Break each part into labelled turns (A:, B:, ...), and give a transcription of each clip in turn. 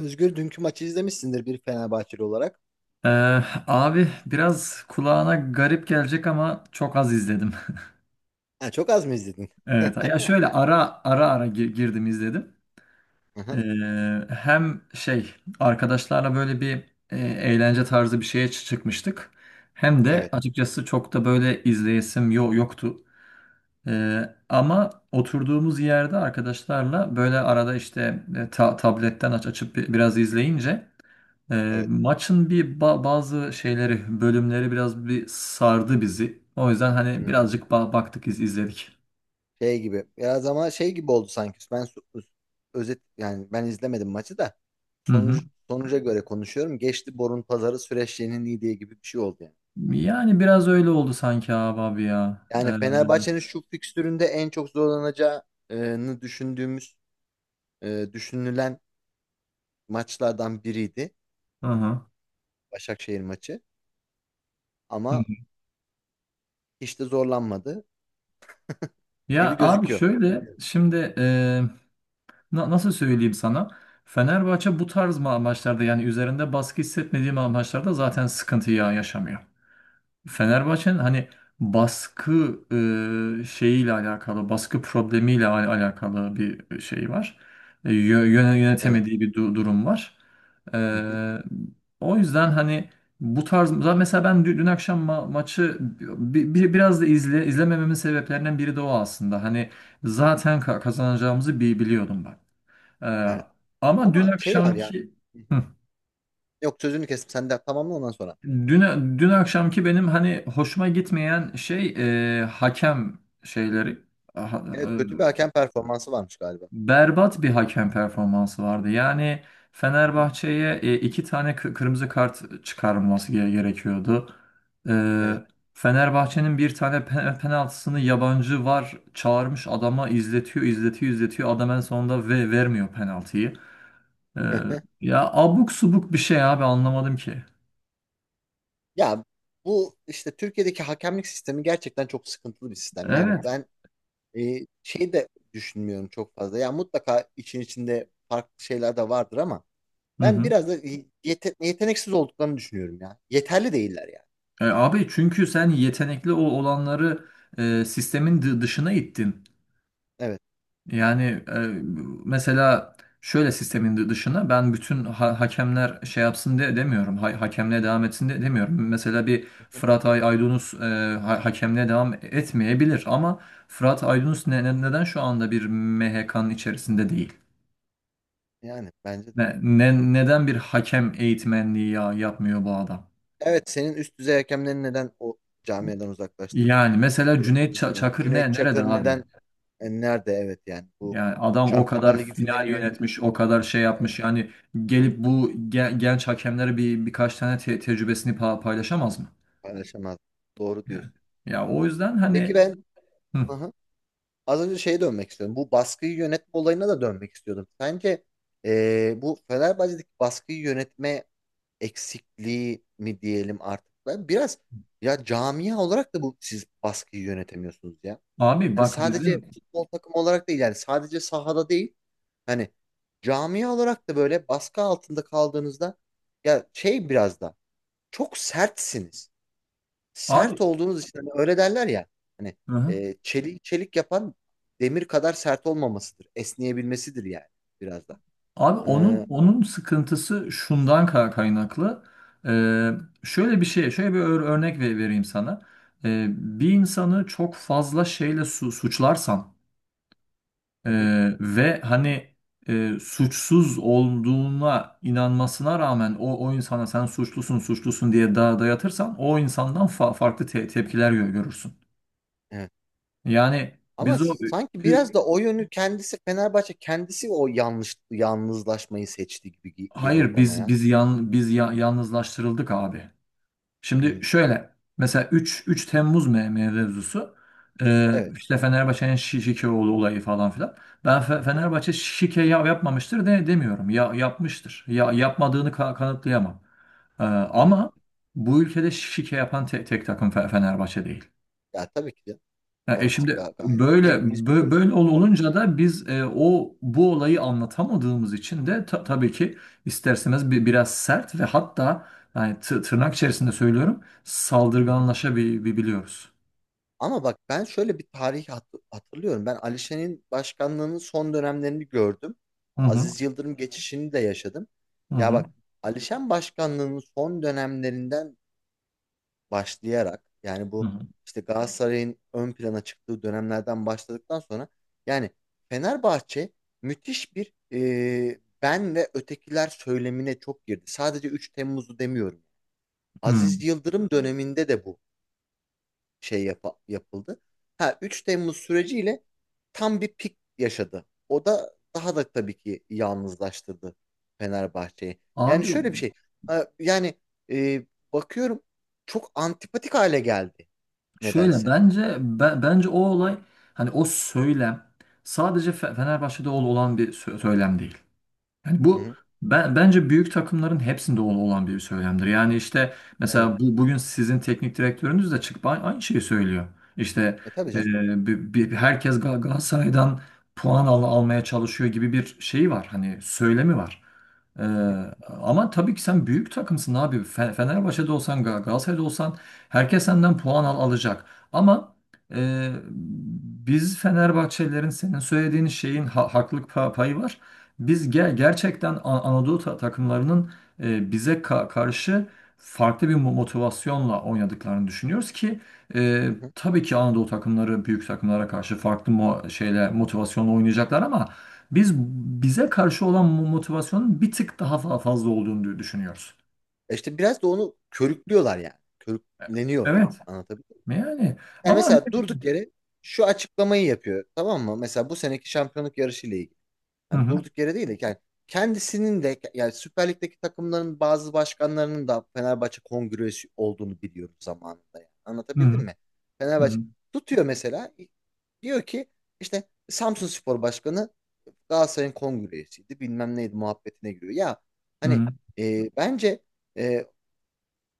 A: Özgür, dünkü maçı izlemişsindir bir Fenerbahçeli olarak.
B: Ee, Abi biraz kulağına garip gelecek ama çok az izledim.
A: Ha, çok az mı izledin?
B: Evet. Ya şöyle ara ara girdim izledim.
A: Aha,
B: Hem arkadaşlarla böyle bir eğlence tarzı bir şeye çıkmıştık. Hem de
A: evet,
B: açıkçası çok da böyle izleyesim yoktu. Ama oturduğumuz yerde arkadaşlarla böyle arada işte tabletten açıp biraz izleyince.
A: evet.
B: Maçın bazı şeyleri, bölümleri biraz sardı bizi. O yüzden hani
A: Hmm.
B: birazcık baktık, izledik.
A: Şey gibi. Biraz ama şey gibi oldu sanki. Özet yani, ben izlemedim maçı da,
B: Hı hı.
A: sonucu, sonuca göre konuşuyorum. Geçti borun pazarı süreçlerinin iyi diye gibi bir şey oldu yani.
B: Yani biraz öyle oldu sanki abi, abi ya.
A: Yani
B: Hı
A: Fenerbahçe'nin şu fikstüründe en çok zorlanacağını düşündüğümüz, düşünülen maçlardan biriydi.
B: hı.
A: Başakşehir maçı.
B: Hı
A: Ama
B: hı.
A: hiç de zorlanmadı
B: Ya
A: gibi
B: abi
A: gözüküyor.
B: şöyle
A: Bilmiyorum.
B: şimdi nasıl söyleyeyim sana? Fenerbahçe bu tarz maçlarda, yani üzerinde baskı hissetmediğim maçlarda zaten sıkıntı yaşamıyor. Fenerbahçe'nin hani baskı şeyiyle alakalı, baskı problemiyle alakalı bir şey var.
A: Evet.
B: Yönetemediği bir durum var. E,
A: Hı.
B: O yüzden hani bu tarz, mesela ben dün akşam maçı biraz da izlemememin sebeplerinden biri de o aslında. Hani zaten kazanacağımızı biliyordum ben. E,
A: Evet.
B: Ama dün
A: Ama şey var ya.
B: akşamki…
A: Hı hı. Yok, sözünü kestim. Sen de tamamla ondan sonra.
B: Dün, dün akşamki benim hani hoşuma gitmeyen şey hakem şeyleri… Ha-
A: Evet, kötü
B: e,
A: bir hakem performansı varmış galiba.
B: Berbat bir hakem performansı vardı. Yani
A: Hı hı.
B: Fenerbahçe'ye, iki tane kırmızı kart çıkarılması gerekiyordu.
A: Evet.
B: E, Fenerbahçe'nin bir tane penaltısını yabancı var, çağırmış adama izletiyor adam, en sonunda vermiyor penaltıyı. E, Ya abuk subuk bir şey abi, anlamadım ki.
A: Ya, bu işte Türkiye'deki hakemlik sistemi gerçekten çok sıkıntılı bir sistem. Yani
B: Evet.
A: ben, şey de düşünmüyorum çok fazla. Ya mutlaka için içinde farklı şeyler de vardır ama
B: Hı
A: ben
B: hı.
A: biraz da yeteneksiz olduklarını düşünüyorum ya. Yeterli değiller yani.
B: Abi çünkü sen yetenekli olanları, sistemin dışına ittin.
A: Evet.
B: Yani, e, mesela şöyle sistemin dışına. Ben bütün hakemler şey yapsın demiyorum. Ha Hakemliğe devam etsin de demiyorum. Mesela bir
A: Hı hı.
B: Fırat Aydınus hakemliğe devam etmeyebilir, ama Fırat Aydınus neden şu anda bir MHK'nın içerisinde değil?
A: Yani bence de.
B: Neden bir hakem eğitmenliği yapmıyor bu adam?
A: Evet, senin üst düzey hakemleri neden o camiadan uzaklaştırdın?
B: Yani mesela Cüneyt
A: Yani
B: Çakır
A: Cüneyt
B: nerede
A: Çakır
B: abi?
A: neden, nerede, evet, yani bu
B: Yani adam o kadar
A: Şampiyonlar Ligi finali
B: final yönetmiş,
A: yönetmiş
B: o
A: bir,
B: kadar şey
A: evet,
B: yapmış. Yani gelip bu genç hakemlere birkaç tane tecrübesini paylaşamaz mı?
A: paylaşamaz. Doğru
B: Yani.
A: diyorsun.
B: Ya o yüzden
A: Peki
B: hani,
A: ben,
B: hı,
A: aha, az önce şeye dönmek istiyorum. Bu baskıyı yönetme olayına da dönmek istiyordum. Sence, bu Fenerbahçe'deki baskıyı yönetme eksikliği mi diyelim artık? Ben biraz, ya camia olarak da bu, siz baskıyı yönetemiyorsunuz ya.
B: abi
A: Hani
B: bak
A: sadece
B: bizim
A: futbol takımı olarak değil, yani sadece sahada değil. Hani camia olarak da böyle baskı altında kaldığınızda ya şey, biraz da çok sertsiniz. Sert
B: abi,
A: olduğunuz için hani öyle derler ya, hani
B: hı hı.
A: çelik çelik yapan demir kadar sert olmamasıdır. Esneyebilmesidir yani, biraz da.
B: Abi onun,
A: Ee,
B: onun sıkıntısı şundan kaynaklı. Ee, Şöyle bir şey, şöyle bir örnek vereyim sana. Bir insanı çok fazla şeyle suçlarsan,
A: hı hı,
B: ve hani suçsuz olduğuna inanmasına rağmen o insana sen suçlusun, suçlusun diye daha dayatırsan, o insandan farklı tepkiler görürsün.
A: evet.
B: Yani
A: Ama
B: biz o
A: sanki biraz
B: ü-
A: da o yönü kendisi, Fenerbahçe kendisi o yanlış yalnızlaşmayı seçti gibi geliyor
B: hayır
A: bana
B: biz
A: ya.
B: biz yan biz ya- yalnızlaştırıldık abi. Şimdi
A: Hı,
B: şöyle, mesela 3 Temmuz mevzusu,
A: evet.
B: işte Fenerbahçe'nin Şikeoğlu olayı falan filan. Ben
A: Hı hı,
B: Fenerbahçe şike yapmamıştır demiyorum. Yapmıştır. Yapmadığını kanıtlayamam.
A: evet.
B: Ama bu ülkede şike yapan tek takım Fenerbahçe değil.
A: Ya tabii ki de,
B: Ya,
A: orası
B: şimdi
A: gayet,
B: böyle
A: hepimiz biliyoruz.
B: böyle
A: Komik
B: olunca
A: yani.
B: da biz, e, o bu olayı anlatamadığımız için de ta- tabii ki, isterseniz biraz sert ve hatta, yani tı- tırnak içerisinde söylüyorum,
A: Hı hı.
B: saldırganlaşabiliyoruz.
A: Ama bak, ben şöyle bir tarih hatırlıyorum. Ben Alişan'ın başkanlığının son dönemlerini gördüm.
B: Hı hı.
A: Aziz Yıldırım geçişini de yaşadım.
B: Hı
A: Ya
B: hı.
A: bak, Alişan başkanlığının son dönemlerinden başlayarak, yani
B: Hı
A: bu
B: hı.
A: işte Galatasaray'ın ön plana çıktığı dönemlerden başladıktan sonra, yani Fenerbahçe müthiş bir, ben ve ötekiler söylemine çok girdi. Sadece 3 Temmuz'u demiyorum.
B: Hı. Hmm.
A: Aziz Yıldırım döneminde de bu şey yapıldı. Ha, 3 Temmuz süreciyle tam bir pik yaşadı. O da daha da tabii ki yalnızlaştırdı Fenerbahçe'yi. Yani
B: Abi
A: şöyle bir şey. Yani, e, bakıyorum, çok antipatik hale geldi
B: şöyle,
A: nedense.
B: bence o olay, hani o söylem sadece Fenerbahçe'de olan bir söylem değil. Yani
A: Hı
B: bu,
A: hı.
B: bence büyük takımların hepsinde olan bir söylemdir. Yani işte
A: Evet.
B: mesela bugün sizin teknik direktörünüz de çıkıp aynı şeyi söylüyor. İşte
A: E tabii
B: e,
A: canım.
B: herkes Galatasaray'dan puan almaya çalışıyor gibi bir şey var. Hani söylemi var. E,
A: Hı hı.
B: Ama tabii ki sen büyük takımsın abi. Fenerbahçe'de olsan, Galatasaray'da olsan, herkes senden puan alacak. Ama, e, biz Fenerbahçelilerin senin söylediğin şeyin haklılık payı var. Biz gerçekten Anadolu takımlarının, bize karşı farklı bir motivasyonla oynadıklarını düşünüyoruz ki, e,
A: Hı hı.
B: tabii ki Anadolu takımları büyük takımlara karşı farklı mo şeyle motivasyonla oynayacaklar, ama biz bize karşı olan motivasyonun bir tık daha fazla olduğunu düşünüyoruz.
A: E İşte biraz da onu körüklüyorlar yani.
B: E-
A: Körükleniyor yani.
B: Evet.
A: Anlatabiliyor.
B: Yani,
A: Yani
B: ama…
A: mesela durduk yere şu açıklamayı yapıyor, tamam mı? Mesela bu seneki şampiyonluk yarışı ile ilgili.
B: Hı
A: Yani
B: hı,
A: durduk yere değil de yani, kendisinin de yani, Süper Lig'deki takımların bazı başkanlarının da Fenerbahçe kongresi olduğunu biliyoruz zamanında. Yani.
B: hı
A: Anlatabildim
B: hı,
A: mi?
B: hı hı,
A: Fenerbahçe tutuyor mesela, diyor ki işte Samsunspor Başkanı Galatasaray'ın kongresiydi bilmem neydi muhabbetine giriyor. Ya
B: hı
A: hani,
B: hı.
A: bence, e,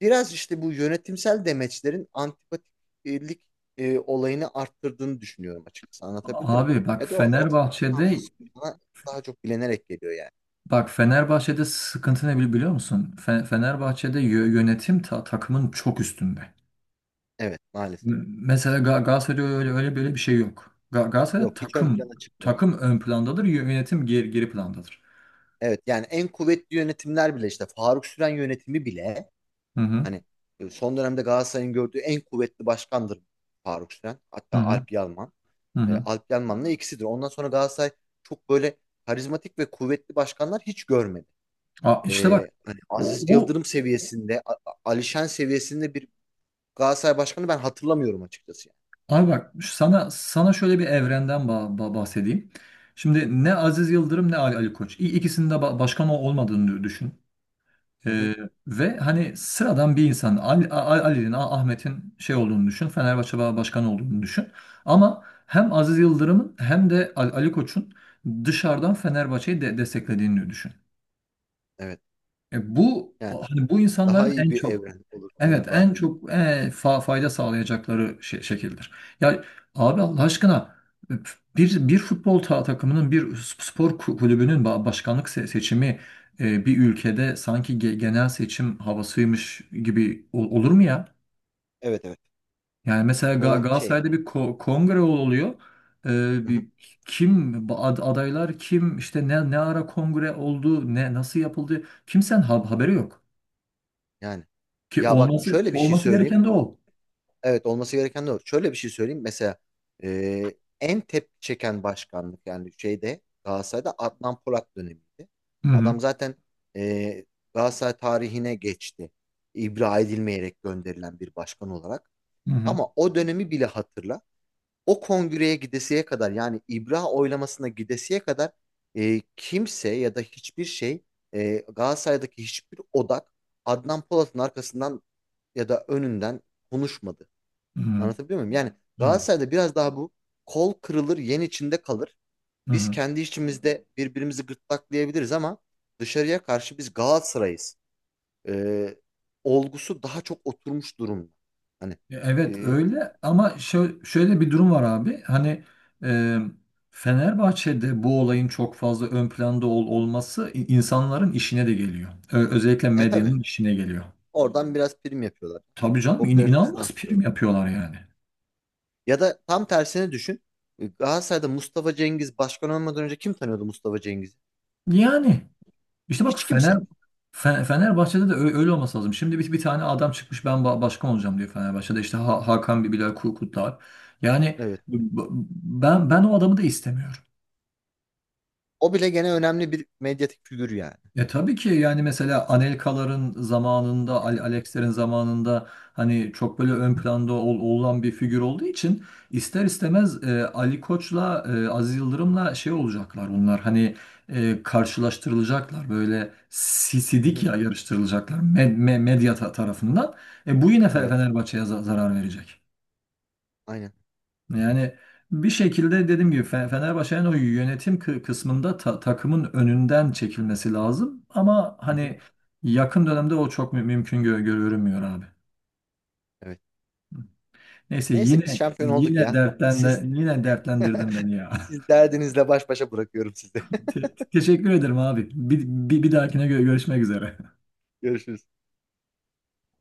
A: biraz işte bu yönetimsel demeçlerin antipatiklik, olayını arttırdığını düşünüyorum açıkçası. Anlatabildim mi?
B: Abi bak,
A: E doğal olarak Samsun
B: Fenerbahçe'de…
A: Spor bana daha çok bilenerek geliyor yani.
B: Bak Fenerbahçe'de sıkıntı ne biliyor musun? Fenerbahçe'de yönetim takımın çok üstünde.
A: Evet, maalesef.
B: Mesela Galatasaray'da öyle öyle böyle bir şey yok. Galatasaray'da
A: Yok, hiç ön
B: takım
A: plana çıkmıyor.
B: takım ön plandadır, yönetim geri plandadır.
A: Evet, yani en kuvvetli yönetimler bile, işte Faruk Süren yönetimi bile,
B: Hı hı.
A: hani son dönemde Galatasaray'ın gördüğü en kuvvetli başkandır Faruk Süren.
B: Hı
A: Hatta
B: hı.
A: Alp Yalman.
B: Hı
A: E,
B: hı.
A: Alp Yalman'la ikisidir. Ondan sonra Galatasaray çok böyle karizmatik ve kuvvetli başkanlar hiç görmedi.
B: Aa, işte bak,
A: Hani
B: o,
A: Aziz
B: o
A: Yıldırım seviyesinde, Alişan seviyesinde bir Galatasaray başkanı ben hatırlamıyorum açıkçası
B: abi bak, sana şöyle bir evrenden bahsedeyim. Şimdi ne Aziz Yıldırım ne Ali Koç. İkisinin de başkan olmadığını düşün.
A: yani. Hı hı,
B: Ee, Ve hani sıradan bir insan Ali'nin, Ahmet'in şey olduğunu düşün. Fenerbahçe Başkanı olduğunu düşün. Ama hem Aziz Yıldırım'ın hem de Ali Koç'un dışarıdan Fenerbahçe'yi de desteklediğini düşün.
A: evet.
B: Bu
A: Yani
B: hani bu
A: daha
B: insanların
A: iyi
B: en
A: bir
B: çok,
A: evren olur
B: evet en
A: Fenerbahçe için.
B: çok fayda sağlayacakları şekildir. Ya abi, Allah aşkına, bir futbol takımının, bir spor kulübünün başkanlık seçimi, bir ülkede sanki genel seçim havasıymış gibi olur mu ya?
A: Evet, evet.
B: Yani mesela
A: O şey.
B: Galatasaray'da bir kongre oluyor. E,
A: Hı hı,
B: bir, Kim adaylar, kim, işte ne ara kongre oldu, nasıl yapıldı, kimsenin haberi yok.
A: yani.
B: Ki
A: Ya bak,
B: olması
A: şöyle bir şey
B: olması
A: söyleyeyim.
B: gereken de o.
A: Evet, olması gereken de o. Şöyle bir şey söyleyeyim. Mesela en tepki çeken başkanlık, yani şeyde, Galatasaray'da Adnan Polat dönemiydi.
B: Hı hı.
A: Adam zaten, e, Galatasaray tarihine geçti. İbra edilmeyerek gönderilen bir başkan olarak.
B: Hı hı.
A: Ama o dönemi bile hatırla. O kongreye gidesiye kadar, yani İbra oylamasına gidesiye kadar, kimse ya da hiçbir şey, Galatasaray'daki hiçbir odak Adnan Polat'ın arkasından ya da önünden konuşmadı.
B: Hı hı.
A: Anlatabiliyor muyum? Yani
B: Evet.
A: Galatasaray'da biraz daha bu kol kırılır yen içinde kalır.
B: Hı
A: Biz
B: hı.
A: kendi içimizde birbirimizi gırtlaklayabiliriz ama dışarıya karşı biz Galatasaray'ız. E, Olgusu daha çok oturmuş durumda. Hani,
B: Ya evet,
A: e,
B: öyle, ama şöyle bir durum var abi. Hani, e, Fenerbahçe'de bu olayın çok fazla ön planda olması insanların işine de geliyor. Özellikle
A: e tabii.
B: medyanın işine geliyor.
A: Oradan biraz prim yapıyorlar.
B: Tabii canım,
A: Popülaritesini
B: inanılmaz prim
A: arttırıyorlar.
B: yapıyorlar yani.
A: Ya da tam tersini düşün. E, Galatasaray'da Mustafa Cengiz başkan olmadan önce kim tanıyordu Mustafa Cengiz'i?
B: Yani, İşte bak,
A: Hiç kimse.
B: Fenerbahçe'de de öyle olması lazım. Şimdi bir, bir tane adam çıkmış, ben başkan olacağım diyor Fenerbahçe'de. İşte Hakan Bilal Kurtlar. Yani
A: Evet.
B: b- ben o adamı da istemiyorum.
A: O bile gene önemli bir medyatik figür yani.
B: E tabii ki, yani mesela Anelka'ların zamanında,
A: Hı hı.
B: Alex'lerin zamanında hani çok böyle ön planda olan bir figür olduğu için, ister istemez, Ali Koç'la, Aziz Yıldırım'la şey olacaklar onlar, hani karşılaştırılacaklar, böyle
A: Hı
B: sisidik
A: hı.
B: yarıştırılacaklar medya tarafından. Bu yine
A: Evet.
B: Fenerbahçe'ye zarar verecek.
A: Aynen.
B: Yani bir şekilde, dediğim gibi, Fenerbahçe'nin o yönetim kısmında takımın önünden çekilmesi lazım. Ama
A: Hı hı.
B: hani yakın dönemde o çok mümkün görünmüyor abi.
A: Evet.
B: Neyse,
A: Neyse, biz
B: yine
A: şampiyon olduk
B: yine
A: ya. Siz,
B: yine dertlendirdin beni ya.
A: siz derdinizle baş başa bırakıyorum sizi.
B: Teşekkür ederim abi. Bir dahakine görüşmek üzere.
A: Görüşürüz.